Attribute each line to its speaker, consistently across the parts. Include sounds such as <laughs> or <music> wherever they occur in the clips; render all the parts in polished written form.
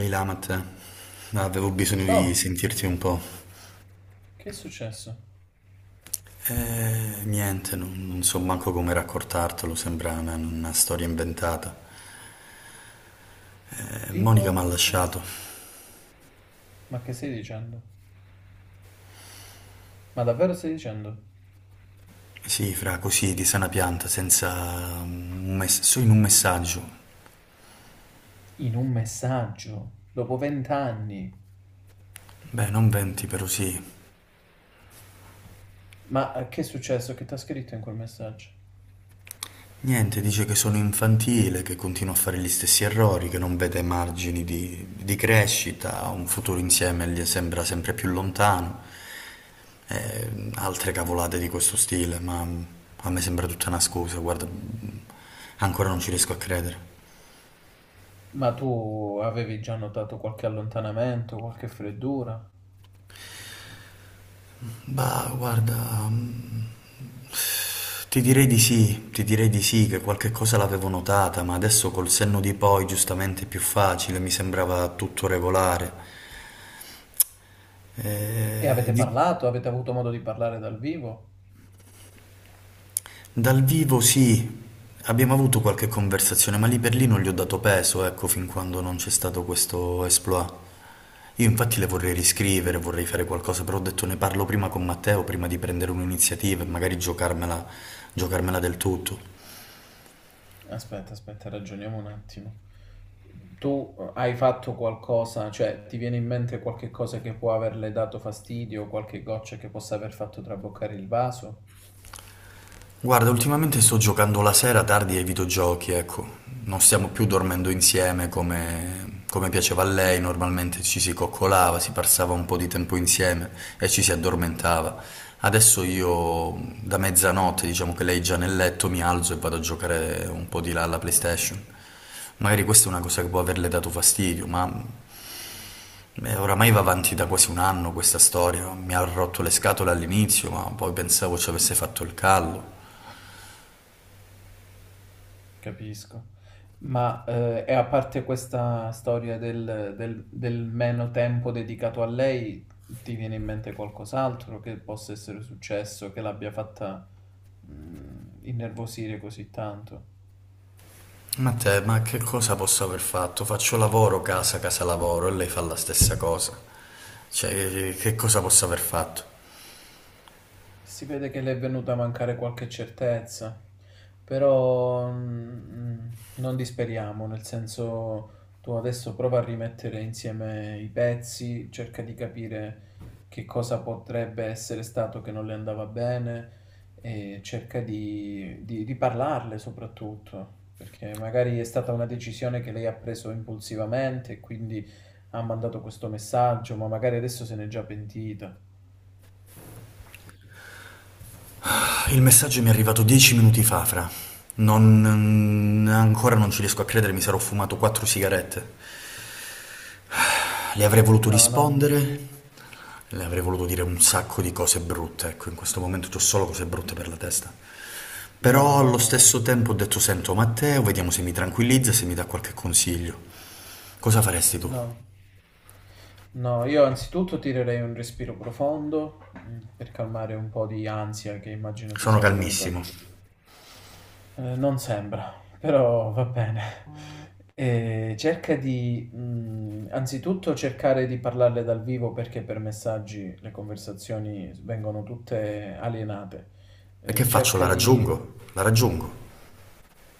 Speaker 1: Ehi Lamat, avevo bisogno di
Speaker 2: Toh,
Speaker 1: sentirti un po'.
Speaker 2: che è successo?
Speaker 1: Niente, non so manco come raccontartelo, sembra una storia inventata. Monica mi ha
Speaker 2: Tipo,
Speaker 1: lasciato.
Speaker 2: ma che stai dicendo? Ma davvero stai dicendo?
Speaker 1: Sì, fra così, di sana pianta, senza... solo in un messaggio.
Speaker 2: In un messaggio, dopo 20 anni.
Speaker 1: Beh, non venti, però sì.
Speaker 2: Ma che è successo? Che ti ha scritto in quel messaggio?
Speaker 1: Niente, dice che sono infantile, che continua a fare gli stessi errori, che non vede margini di crescita, un futuro insieme gli sembra sempre più lontano, e altre cavolate di questo stile, ma a me sembra tutta una scusa, guarda, ancora non ci riesco a credere.
Speaker 2: Ma tu avevi già notato qualche allontanamento, qualche freddura?
Speaker 1: Bah, guarda, mm, ti direi di sì, ti direi di sì, che qualche cosa l'avevo notata, ma adesso col senno di poi, giustamente è più facile, mi sembrava tutto regolare.
Speaker 2: E
Speaker 1: Eh,
Speaker 2: avete
Speaker 1: di-
Speaker 2: parlato? Avete avuto modo di parlare dal vivo?
Speaker 1: Dal vivo sì, abbiamo avuto qualche conversazione, ma lì per lì non gli ho dato peso, ecco, fin quando non c'è stato questo exploit. Io infatti le vorrei riscrivere, vorrei fare qualcosa, però ho detto ne parlo prima con Matteo, prima di prendere un'iniziativa e magari giocarmela, giocarmela del tutto.
Speaker 2: Aspetta, aspetta, ragioniamo un attimo. Tu hai fatto qualcosa, cioè ti viene in mente qualche cosa che può averle dato fastidio, qualche goccia che possa aver fatto traboccare il vaso?
Speaker 1: Guarda, ultimamente sto giocando la sera tardi ai videogiochi, ecco. Non stiamo più dormendo insieme come, come piaceva a lei, normalmente ci si coccolava, si passava un po' di tempo insieme e ci si addormentava. Adesso io da mezzanotte, diciamo che lei è già nel letto, mi alzo e vado a giocare un po' di là alla PlayStation. Magari questa è una cosa che può averle dato fastidio, ma oramai va avanti da quasi un anno questa storia. Mi ha rotto le scatole all'inizio, ma poi pensavo ci avesse fatto il callo.
Speaker 2: Capisco. Ma e a parte questa storia del meno tempo dedicato a lei, ti viene in mente qualcos'altro che possa essere successo, che l'abbia fatta innervosire così tanto?
Speaker 1: Ma te, ma che cosa posso aver fatto? Faccio lavoro, casa, casa, lavoro e lei fa la stessa cosa. Cioè, che cosa posso aver fatto?
Speaker 2: Si vede che le è venuta a mancare qualche certezza, però non disperiamo, nel senso tu adesso prova a rimettere insieme i pezzi, cerca di capire che cosa potrebbe essere stato che non le andava bene e cerca di parlarle soprattutto, perché magari è stata una decisione che lei ha preso impulsivamente e quindi ha mandato questo messaggio, ma magari adesso se n'è già pentita.
Speaker 1: Il messaggio mi è arrivato 10 minuti fa, fra. Non... ancora non ci riesco a credere, mi sarò fumato quattro sigarette. Le avrei voluto
Speaker 2: No, no,
Speaker 1: rispondere, le avrei voluto dire un sacco di cose brutte, ecco, in questo momento ho solo cose brutte per la testa.
Speaker 2: no,
Speaker 1: Però
Speaker 2: no,
Speaker 1: allo
Speaker 2: no, no.
Speaker 1: stesso tempo ho detto, sento Matteo, vediamo se mi tranquillizza, se mi dà qualche consiglio. Cosa faresti tu?
Speaker 2: No, no, io anzitutto tirerei un respiro profondo per calmare un po' di ansia che immagino ti
Speaker 1: Sono
Speaker 2: sia venuta.
Speaker 1: calmissimo.
Speaker 2: Non sembra, però va bene. E cerca di, anzitutto cercare di parlarle dal vivo perché per messaggi le conversazioni vengono tutte alienate.
Speaker 1: E che faccio? La
Speaker 2: Cerca di
Speaker 1: raggiungo, la raggiungo.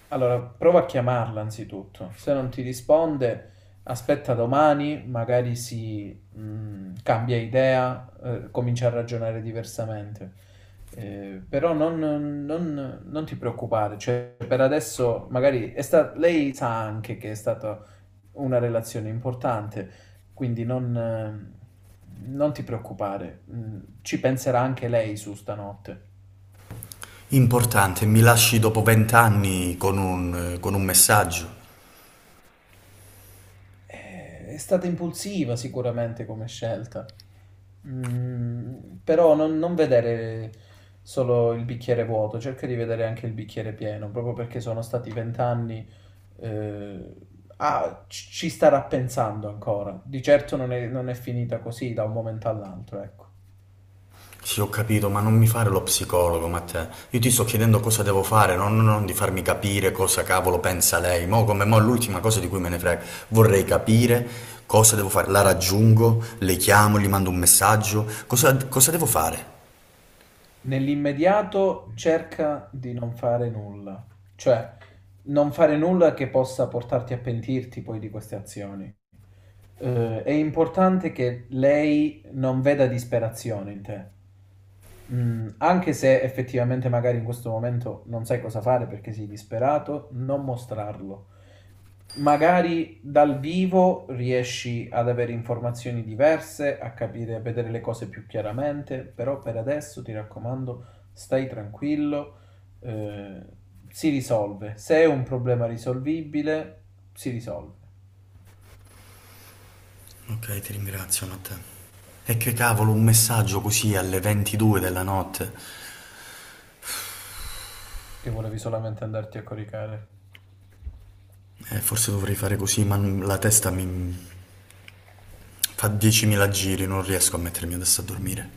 Speaker 2: Allora, prova a chiamarla anzitutto. Se non ti risponde, aspetta domani, magari si cambia idea, comincia a ragionare diversamente. Però non ti preoccupare, cioè per adesso magari lei sa anche che è stata una relazione importante, quindi non ti preoccupare. Ci penserà anche lei su stanotte.
Speaker 1: Importante, mi lasci dopo 20 anni con con un messaggio.
Speaker 2: È stata impulsiva sicuramente come scelta. Mm, Però non vedere solo il bicchiere vuoto, cerca di vedere anche il bicchiere pieno, proprio perché sono stati 20 anni, eh, ci starà pensando ancora. Di certo non è finita così da un momento all'altro, ecco.
Speaker 1: Sì, ho capito, ma non mi fare lo psicologo, Matteo. Io ti sto chiedendo cosa devo fare, non di farmi capire cosa cavolo pensa lei. Mo' come mo' è l'ultima cosa di cui me ne frega. Vorrei capire cosa devo fare. La raggiungo, le chiamo, gli mando un messaggio. Cosa devo fare?
Speaker 2: Nell'immediato cerca di non fare nulla, cioè non fare nulla che possa portarti a pentirti poi di queste azioni. È importante che lei non veda disperazione in te. Anche se effettivamente magari in questo momento non sai cosa fare perché sei disperato, non mostrarlo. Magari dal vivo riesci ad avere informazioni diverse, a capire, a vedere le cose più chiaramente, però per adesso ti raccomando, stai tranquillo, eh, si risolve. Se è un problema risolvibile, si risolve.
Speaker 1: Ok, ti ringrazio, Matteo. E che cavolo, un messaggio così alle 22 della notte?
Speaker 2: Che volevi solamente andarti a coricare.
Speaker 1: Forse dovrei fare così, la testa mi fa 10.000 giri, non riesco a mettermi adesso a dormire.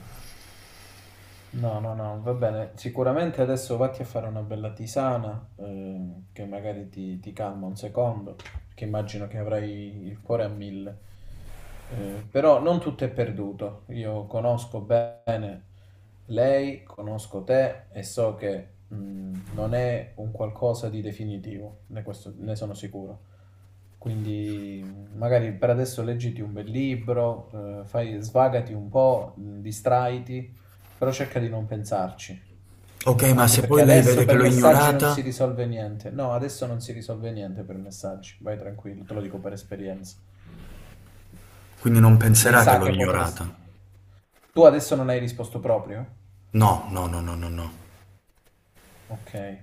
Speaker 2: No, no, no, va bene. Sicuramente adesso vatti a fare una bella tisana, che magari ti calma un secondo, perché immagino che avrai il cuore a mille. Però non tutto è perduto. Io conosco bene lei, conosco te e so che non è un qualcosa di definitivo, ne sono sicuro. Quindi magari per adesso leggiti un bel libro, svagati un po', distraiti, però cerca di non pensarci.
Speaker 1: Ok, ma
Speaker 2: Anche
Speaker 1: se
Speaker 2: perché
Speaker 1: poi lei vede
Speaker 2: adesso
Speaker 1: che
Speaker 2: per
Speaker 1: l'ho
Speaker 2: messaggi non si
Speaker 1: ignorata,
Speaker 2: risolve niente. No, adesso non si risolve niente per messaggi. Vai tranquillo, te lo dico per esperienza.
Speaker 1: quindi non
Speaker 2: Lei
Speaker 1: penserà che
Speaker 2: sa
Speaker 1: l'ho
Speaker 2: che potresti...
Speaker 1: ignorata.
Speaker 2: Tu adesso non hai risposto proprio?
Speaker 1: No, no, no, no, no, no.
Speaker 2: Okay.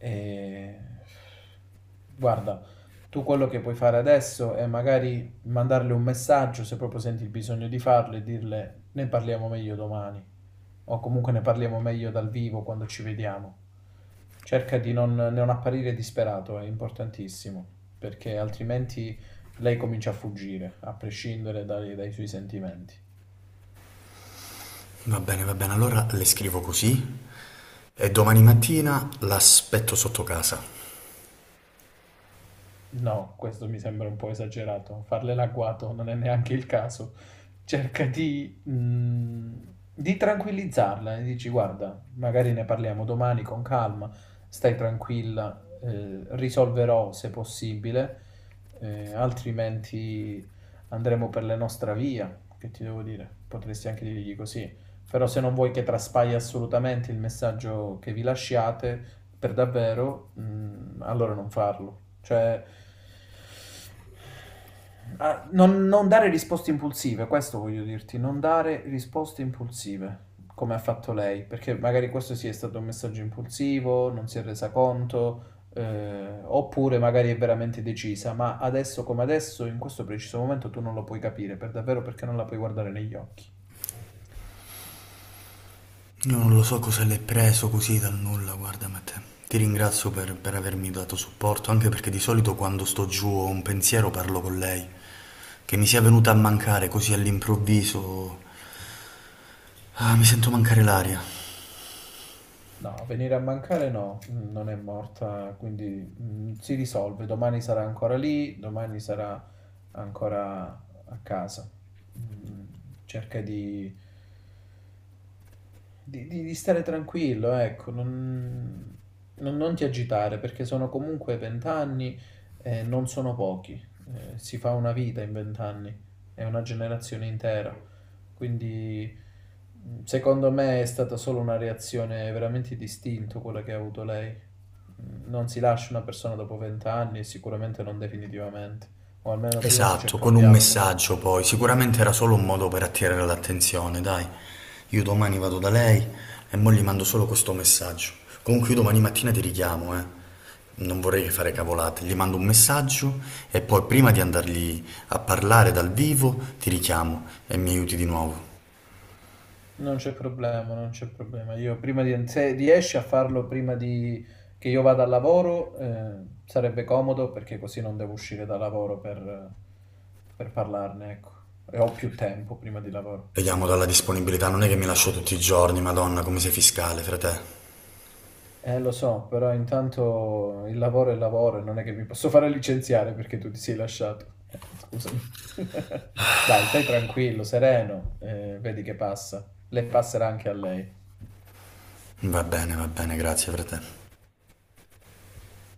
Speaker 2: Ehm, Guarda, tu quello che puoi fare adesso è magari mandarle un messaggio, se proprio senti il bisogno di farlo, e dirle: "Ne parliamo meglio domani", o comunque "Ne parliamo meglio dal vivo quando ci vediamo". Cerca di non apparire disperato, è importantissimo, perché altrimenti lei comincia a fuggire, a prescindere dai suoi sentimenti.
Speaker 1: Va bene, allora le scrivo così e domani mattina l'aspetto sotto casa.
Speaker 2: No, questo mi sembra un po' esagerato. Farle l'agguato non è neanche il caso. Cerca di tranquillizzarla e dici: "Guarda, magari ne parliamo domani con calma, stai tranquilla, risolverò se possibile, altrimenti andremo per la nostra via". Che ti devo dire? Potresti anche dirgli così. Però se non vuoi che traspaia assolutamente il messaggio che vi lasciate, per davvero, allora non farlo. Cioè, non dare risposte impulsive, questo voglio dirti, non dare risposte impulsive, come ha fatto lei, perché magari questo sì è stato un messaggio impulsivo, non si è resa conto, oppure magari è veramente decisa, ma adesso come adesso, in questo preciso momento, tu non lo puoi capire per davvero perché non la puoi guardare negli occhi.
Speaker 1: Io non lo so cosa l'hai preso così dal nulla, guarda Matteo. Ti ringrazio per avermi dato supporto, anche perché di solito quando sto giù ho un pensiero parlo con lei. Che mi sia venuta a mancare così all'improvviso. Ah, mi sento mancare l'aria.
Speaker 2: No, venire a mancare no, non è morta, quindi si risolve. Domani sarà ancora lì, domani sarà ancora a casa. Mm, cerca di stare tranquillo, ecco, non ti agitare perché sono comunque 20 anni e non sono pochi. Si fa una vita in 20 anni, è una generazione intera. Quindi, secondo me, è stata solo una reazione veramente distinta quella che ha avuto lei. Non si lascia una persona dopo 20 anni, sicuramente non definitivamente, o almeno prima si
Speaker 1: Esatto,
Speaker 2: cerca
Speaker 1: con
Speaker 2: un
Speaker 1: un
Speaker 2: dialogo.
Speaker 1: messaggio poi, sicuramente era solo un modo per attirare l'attenzione, dai, io domani vado da lei e mo gli mando solo questo messaggio. Comunque io domani mattina ti richiamo, eh. Non vorrei fare cavolate, gli mando un messaggio e poi prima di andargli a parlare dal vivo ti richiamo e mi aiuti di nuovo.
Speaker 2: Non c'è problema, non c'è problema. Io prima di, se riesci a farlo prima di, che io vada al lavoro, sarebbe comodo perché così non devo uscire da lavoro per parlarne, ecco. E ho più tempo prima di lavoro.
Speaker 1: Vediamo dalla disponibilità, non è che mi lascio tutti i giorni, Madonna, come sei fiscale, frate.
Speaker 2: Lo so, però intanto il lavoro è lavoro e non è che mi posso fare licenziare perché tu ti sei lasciato. Scusami. <laughs> Dai, stai tranquillo, sereno, vedi che passa. Le passerà anche a lei.
Speaker 1: Va bene, grazie, frate.